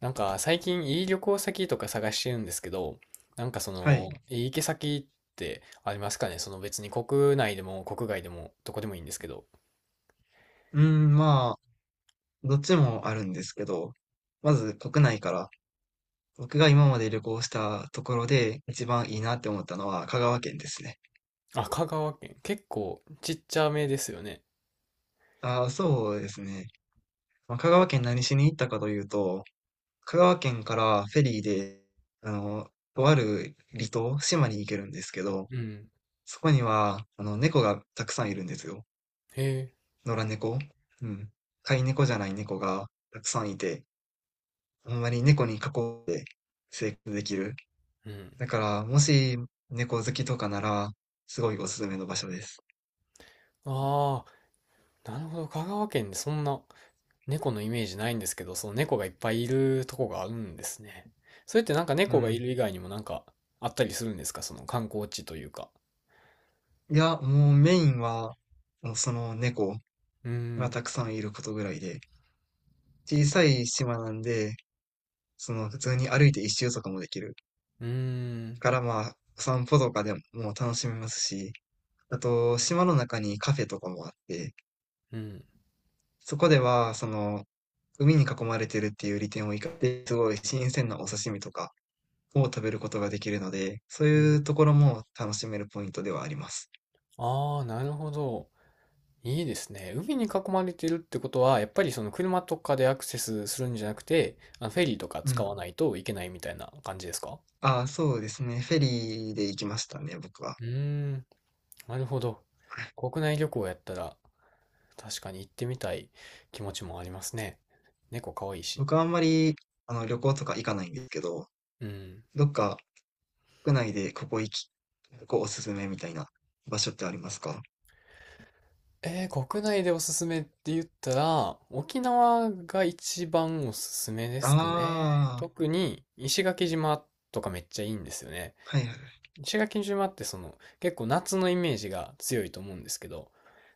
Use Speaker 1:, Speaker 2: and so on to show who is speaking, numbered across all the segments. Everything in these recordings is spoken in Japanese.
Speaker 1: なんか最近いい旅行先とか探してるんですけど、なんか
Speaker 2: はい。
Speaker 1: いい行き先ってありますかね別に国内でも国外でもどこでもいいんですけど。
Speaker 2: うーん、まあ、どっちもあるんですけど、まず国内から、僕が今まで旅行したところで一番いいなって思ったのは香川県ですね。
Speaker 1: あ、香川県。結構ちっちゃめですよね。
Speaker 2: ああ、そうですね。まあ、香川県何しに行ったかというと、香川県からフェリーで、あの、とある離島、島に行けるんですけど、
Speaker 1: うん。
Speaker 2: そこには、猫がたくさんいるんですよ。
Speaker 1: へえ。
Speaker 2: 野良猫。うん。飼い猫じゃない猫がたくさんいて、ほんまに猫に囲って生活できる。
Speaker 1: うん。
Speaker 2: だから、もし猫好きとかなら、すごいおすすめの場所です。
Speaker 1: ああ、なるほど。香川県でそんな猫のイメージないんですけど、その猫がいっぱいいるとこがあるんですね。それってなんか
Speaker 2: う
Speaker 1: 猫がい
Speaker 2: ん。
Speaker 1: る以外にもなんかあったりするんですか、その観光地というか。
Speaker 2: いや、もうメインは、もうその猫
Speaker 1: うー
Speaker 2: が
Speaker 1: ん。
Speaker 2: たくさんいることぐらいで、小さい島なんで、その普通に歩いて一周とかもできる。
Speaker 1: うーん。
Speaker 2: からまあ、散歩とかでももう楽しめますし、あと、島の中にカフェとかもあって、
Speaker 1: うん。
Speaker 2: そこでは、その、海に囲まれてるっていう利点を生かして、すごい新鮮なお刺身とか、を食べることができるので、そう
Speaker 1: うん、
Speaker 2: いうところも楽しめるポイントではあります。
Speaker 1: ああ、なるほど。いいですね。海に囲まれてるってことは、やっぱりその車とかでアクセスするんじゃなくて、あのフェリーとか
Speaker 2: う
Speaker 1: 使
Speaker 2: ん。
Speaker 1: わないといけないみたいな感じですか？
Speaker 2: ああ、そうですね。フェリーで行きましたね、僕は。
Speaker 1: うーん、なるほど。国内旅行やったら、確かに行ってみたい気持ちもありますね。猫可愛いし。
Speaker 2: 僕はあんまり、旅行とか行かないんですけど、
Speaker 1: うん。
Speaker 2: どっか国内でここ行き、ここおすすめみたいな場所ってありますか？
Speaker 1: 国内でおすすめって言ったら、沖縄が一番おすすめですかね。
Speaker 2: ああ、
Speaker 1: 特に石垣島とかめっちゃいいんですよね。
Speaker 2: はいはい。
Speaker 1: 石垣島って結構夏のイメージが強いと思うんですけど、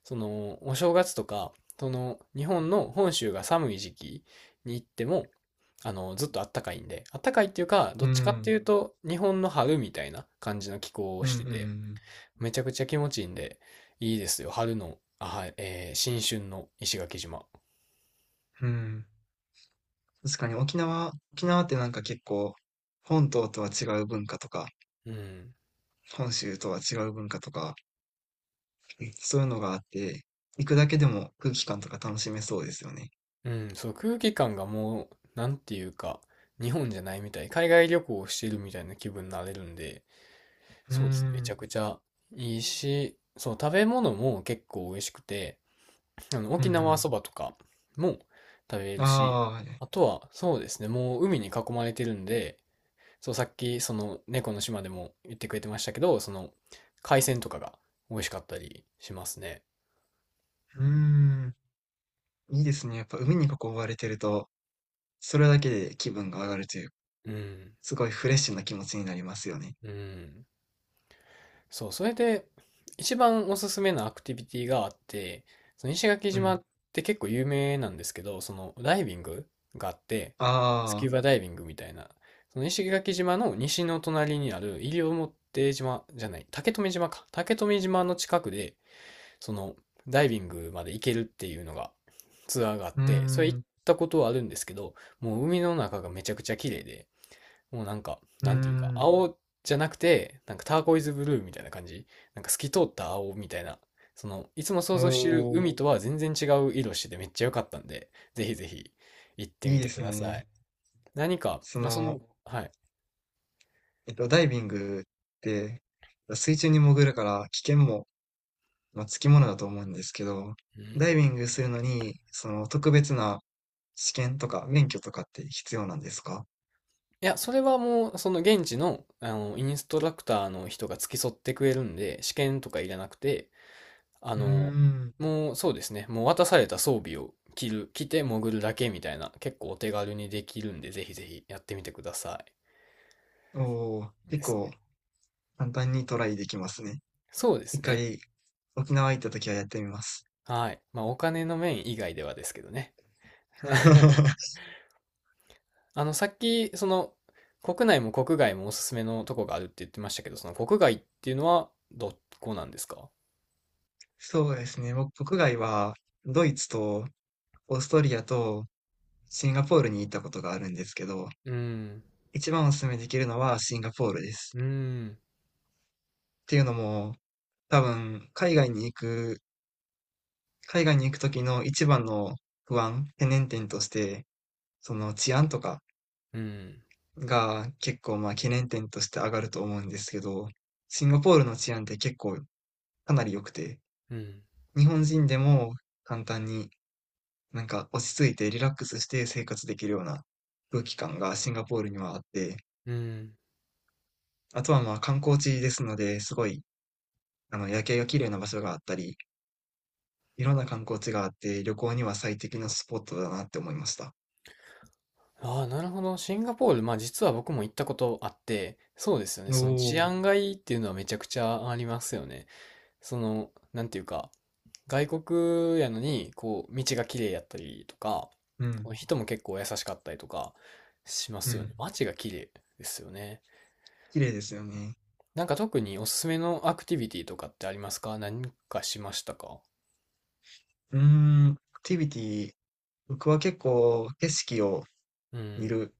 Speaker 1: そのお正月とか、その日本の本州が寒い時期に行っても、ずっと暖かいんで、暖かいっていうか、ど
Speaker 2: う
Speaker 1: っちかって
Speaker 2: ん、
Speaker 1: いうと日本の春みたいな感じの気候を
Speaker 2: うん、う
Speaker 1: してて、
Speaker 2: ん、
Speaker 1: めちゃくちゃ気持ちいいんで、いいですよ。あ、はい、新春の石垣島。
Speaker 2: うん。うん、確かに沖縄、沖縄ってなんか結構、本島とは違う文化とか、
Speaker 1: うん。
Speaker 2: 本州とは違う文化とか、そういうのがあって、行くだけでも空気感とか楽しめそうですよね。
Speaker 1: うん、そう、空気感がもう、なんていうか、日本じゃないみたい。海外旅行をしてるみたいな気分になれるんで、
Speaker 2: うーん、う
Speaker 1: そうですね。めちゃ
Speaker 2: ん
Speaker 1: くちゃいいし、そう、食べ物も結構美味しくて、
Speaker 2: う
Speaker 1: 沖縄
Speaker 2: ん。
Speaker 1: そばとかも食べれるし、
Speaker 2: ああ、
Speaker 1: あとは、そうですね、もう海に囲まれてるんで、そう、さっき、猫の島でも言ってくれてましたけど、海鮮とかが美味しかったりしますね。
Speaker 2: うーん、いいですね。やっぱ海に囲われてると、それだけで気分が上がるという、
Speaker 1: うん。
Speaker 2: すごいフレッシュな気持ちになりますよね。
Speaker 1: うん。そう、それで、一番おすすめなアクティビティがあって、その石垣
Speaker 2: う
Speaker 1: 島
Speaker 2: ん。
Speaker 1: って結構有名なんですけど、そのダイビングがあって、スキュ
Speaker 2: あ
Speaker 1: ー
Speaker 2: あ、
Speaker 1: バダイビングみたいな、その石垣島の西の隣にある西表島じゃない、竹富島か。竹富島の近くで、そのダイビングまで行けるっていうのがツアーがあっ
Speaker 2: うー
Speaker 1: て、それ行っ
Speaker 2: ん、
Speaker 1: たことはあるんですけど、もう海の中がめちゃくちゃ綺麗で、もうなんか、
Speaker 2: うー
Speaker 1: なんていうか、
Speaker 2: ん。
Speaker 1: 青じゃなくて、なんかターコイズブルーみたいな感じ。なんか透き通った青みたいな。いつも想
Speaker 2: お
Speaker 1: 像してる
Speaker 2: お、い
Speaker 1: 海とは全然違う色しててめっちゃ良かったんで、ぜひぜひ行って
Speaker 2: い
Speaker 1: みて
Speaker 2: で
Speaker 1: く
Speaker 2: す
Speaker 1: ださ
Speaker 2: ね。
Speaker 1: い。何か、
Speaker 2: そ
Speaker 1: あ、
Speaker 2: の、
Speaker 1: はい。
Speaker 2: ダイビングって、水中に潜るから危険もまあ、つきものだと思うんですけど、
Speaker 1: う
Speaker 2: ダ
Speaker 1: ん。
Speaker 2: イビングするのに、その特別な試験とか免許とかって必要なんですか？
Speaker 1: いや、それはもう、その現地の、インストラクターの人が付き添ってくれるんで、試験とかいらなくて、あ
Speaker 2: うー
Speaker 1: の、
Speaker 2: ん。
Speaker 1: もうそうですね、もう渡された装備を着て潜るだけみたいな、結構お手軽にできるんで、ぜひぜひやってみてくださ
Speaker 2: おー、
Speaker 1: い。で
Speaker 2: 結
Speaker 1: す
Speaker 2: 構
Speaker 1: ね。
Speaker 2: 簡単にトライできますね。
Speaker 1: そうです
Speaker 2: 一
Speaker 1: ね。
Speaker 2: 回沖縄行った時はやってみます。
Speaker 1: はい。まあ、お金の面以外ではですけどね。さっき、国内も国外もおすすめのとこがあるって言ってましたけど、その国外っていうのはどこなんですか？
Speaker 2: そうですね。僕、国外はドイツとオーストリアとシンガポールに行ったことがあるんですけど、
Speaker 1: うーん、
Speaker 2: 一番お勧めできるのはシンガポールです。
Speaker 1: うーん、
Speaker 2: っていうのも、多分海外に行く時の一番の不安、懸念点として、その治安とか
Speaker 1: うーん、
Speaker 2: が結構まあ懸念点として上がると思うんですけど、シンガポールの治安って結構かなり良くて、
Speaker 1: うーん、
Speaker 2: 日本人でも簡単になんか落ち着いてリラックスして生活できるような空気感がシンガポールにはあって、
Speaker 1: うーん。
Speaker 2: あとはまあ観光地ですので、すごい夜景が綺麗な場所があったり、いろんな観光地があって旅行には最適なスポットだなって思いました。
Speaker 1: ああ、なるほど。シンガポール、まあ実は僕も行ったことあって、そうですよね。
Speaker 2: お
Speaker 1: その治
Speaker 2: お、
Speaker 1: 安がいいっていうのはめちゃくちゃありますよね。なんていうか、外国やのに、こう、道が綺麗やったりとか、
Speaker 2: うん、
Speaker 1: 人も結構優しかったりとかしま
Speaker 2: う
Speaker 1: すよね。
Speaker 2: ん。
Speaker 1: 街が綺麗ですよね。
Speaker 2: 綺麗ですよね。
Speaker 1: なんか特におすすめのアクティビティとかってありますか？何かしましたか？
Speaker 2: うーん、アクティビティ、僕は結構景色を
Speaker 1: う
Speaker 2: 見
Speaker 1: ん。
Speaker 2: る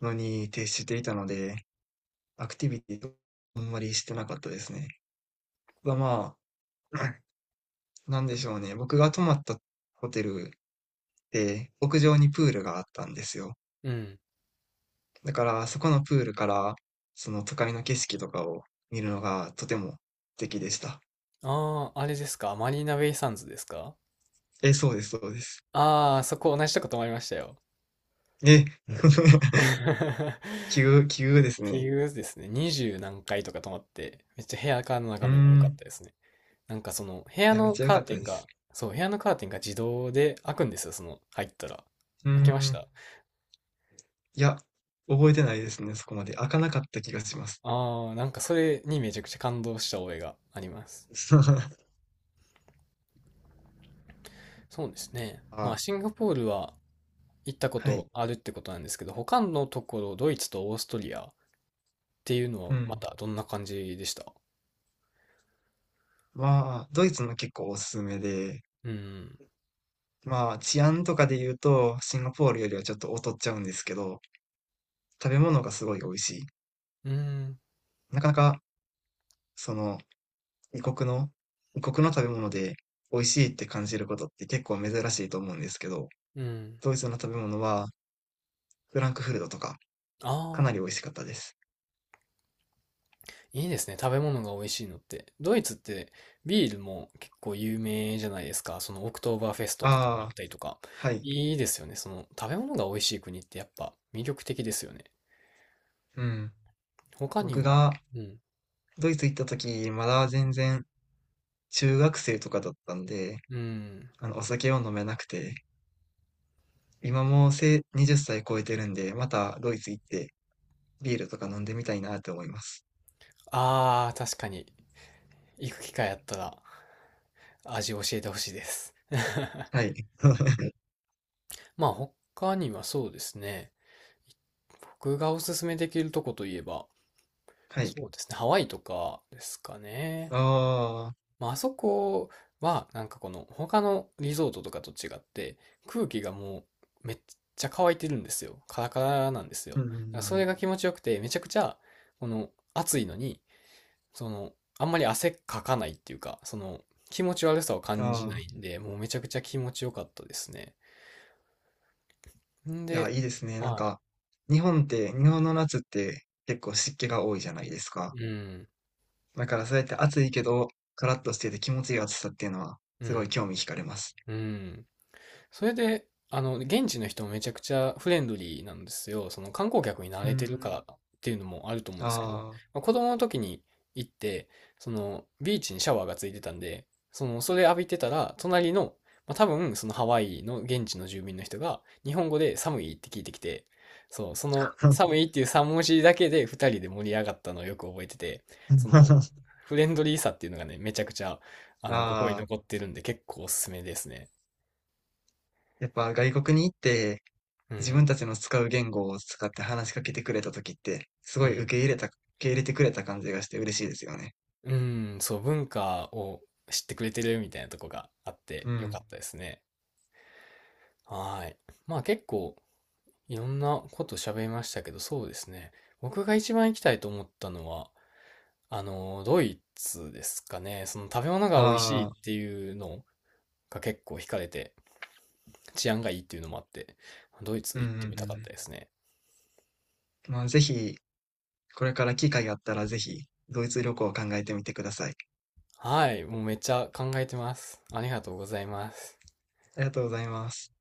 Speaker 2: のに徹していたので、アクティビティをあんまりしてなかったですね。はまあ、なんでしょうね。僕が泊まったホテルで屋上にプールがあったんですよ。
Speaker 1: うん。
Speaker 2: だからそこのプールからその都会の景色とかを見るのがとても素敵でした。
Speaker 1: ああ、あれですか？マリーナベイサンズですか？
Speaker 2: え、そうです、そうです。
Speaker 1: ああー、そこ同じとこ泊まりましたよ。
Speaker 2: え、急、急です
Speaker 1: 結
Speaker 2: ね。
Speaker 1: 局ですね、20何回とか泊まって、めっちゃ部屋からの
Speaker 2: うー
Speaker 1: 眺めも良かっ
Speaker 2: ん、
Speaker 1: たですね。なんか部
Speaker 2: い
Speaker 1: 屋
Speaker 2: や、めっ
Speaker 1: の
Speaker 2: ちゃ良
Speaker 1: カー
Speaker 2: かった
Speaker 1: テン
Speaker 2: です。
Speaker 1: が、そう、部屋のカーテンが自動で開くんですよ、入ったら。
Speaker 2: うー
Speaker 1: 開けまし
Speaker 2: ん。
Speaker 1: た。
Speaker 2: いや、覚えてないですね、そこまで。開かなかった気がします。
Speaker 1: あー、なんかそれにめちゃくちゃ感動した覚えがあります。そうですね。まあ、
Speaker 2: あ、
Speaker 1: シンガポールは行ったこ
Speaker 2: は
Speaker 1: と
Speaker 2: い。
Speaker 1: あるってことなんですけど、他のところ、ドイツとオーストリアっていうの
Speaker 2: う
Speaker 1: はま
Speaker 2: ん。
Speaker 1: たどんな感じでした？
Speaker 2: まあ、ドイツも結構おすすめで、
Speaker 1: うん。
Speaker 2: まあ、治安とかで言うと、シンガポールよりはちょっと劣っちゃうんですけど、食べ物がすごい美味しい。
Speaker 1: うん。
Speaker 2: なかなか、その、異国の、異国の食べ物で美味しいって感じることって結構珍しいと思うんですけど、
Speaker 1: うん。
Speaker 2: ドイツの食べ物は、フランクフルトとか、かな
Speaker 1: あ、
Speaker 2: り美味しかったです。
Speaker 1: いいですね。食べ物が美味しいのって。ドイツってビールも結構有名じゃないですか。そのオクトーバーフェストとかや
Speaker 2: あ
Speaker 1: っ
Speaker 2: あ、
Speaker 1: たりとか。
Speaker 2: はい。
Speaker 1: いいですよね。その食べ物が美味しい国ってやっぱ魅力的ですよね。
Speaker 2: うん。
Speaker 1: 他に
Speaker 2: 僕
Speaker 1: は、
Speaker 2: が
Speaker 1: うん。
Speaker 2: ドイツ行った時、まだ全然中学生とかだったんで、
Speaker 1: うん。
Speaker 2: お酒を飲めなくて、今もう20歳超えてるんで、またドイツ行ってビールとか飲んでみたいなって思います。
Speaker 1: ああ、確かに。行く機会あったら味教えてほしいです。
Speaker 2: はい。
Speaker 1: まあ他にはそうですね。僕がおすすめできるとこといえば、
Speaker 2: はい。
Speaker 1: そうですね。ハワイとかですかね。
Speaker 2: ああ、
Speaker 1: まあ、あそこは、なんかこの、他のリゾートとかと違って、空気がもう、めっちゃ乾いてるんですよ。カラカラなんですよ。
Speaker 2: う
Speaker 1: だ
Speaker 2: んう
Speaker 1: か
Speaker 2: ん
Speaker 1: ら
Speaker 2: う
Speaker 1: それ
Speaker 2: ん、
Speaker 1: が気持ちよくて、めちゃくちゃ、この、暑いのに、その、あんまり汗かかないっていうか、気持ち悪さを
Speaker 2: あ
Speaker 1: 感じな
Speaker 2: あ、
Speaker 1: いんで、もうめちゃくちゃ気持ちよかったですね。ん
Speaker 2: いや、
Speaker 1: で、
Speaker 2: いいですね。なん
Speaker 1: はい。
Speaker 2: か、日本って、日本の夏って結構湿気が多いじゃないですか。
Speaker 1: うん、
Speaker 2: だからそうやって暑いけど、カラッとしてて気持ちいい暑さっていうのは、
Speaker 1: う
Speaker 2: すごい
Speaker 1: ん、
Speaker 2: 興味惹かれます。
Speaker 1: うん。それで、現地の人もめちゃくちゃフレンドリーなんですよ。その観光客に慣
Speaker 2: うー
Speaker 1: れてるから
Speaker 2: ん。
Speaker 1: っていうのもあると思うんですけど、
Speaker 2: あ
Speaker 1: まあ、子供の時に行って、そのビーチにシャワーがついてたんで、それ浴びてたら、隣の、まあ、多分そのハワイの現地の住民の人が日本語で寒いって聞いてきて、そう、その
Speaker 2: あ。
Speaker 1: 寒いっていう3文字だけで2人で盛り上がったのをよく覚えてて、そのフレンドリーさっていうのがね、めちゃくちゃ、心に
Speaker 2: ああ。
Speaker 1: 残ってるんで結構おすすめですね。
Speaker 2: やっぱ外国に行って
Speaker 1: う
Speaker 2: 自
Speaker 1: ん。
Speaker 2: 分たちの使う言語を使って話しかけてくれた時ってす
Speaker 1: う
Speaker 2: ごい受
Speaker 1: ん。
Speaker 2: け入れた、受け入れてくれた感じがして嬉しいですよね。
Speaker 1: うん、そう、文化を知ってくれてるみたいなとこがあって
Speaker 2: う
Speaker 1: よか
Speaker 2: ん。
Speaker 1: ったですね。はい。まあ結構いろんなこと喋りましたけど、そうですね。僕が一番行きたいと思ったのは、ドイツですかね。その食べ物が美味しいっ
Speaker 2: ああ、
Speaker 1: ていうのが結構惹かれて、治安がいいっていうのもあって、ドイ
Speaker 2: う
Speaker 1: ツ
Speaker 2: んう
Speaker 1: 行ってみたかった
Speaker 2: ん
Speaker 1: ですね。
Speaker 2: うん。まあぜひこれから機会があったらぜひドイツ旅行を考えてみてください。
Speaker 1: はい。もうめっちゃ考えてます。ありがとうございます。
Speaker 2: ありがとうございます。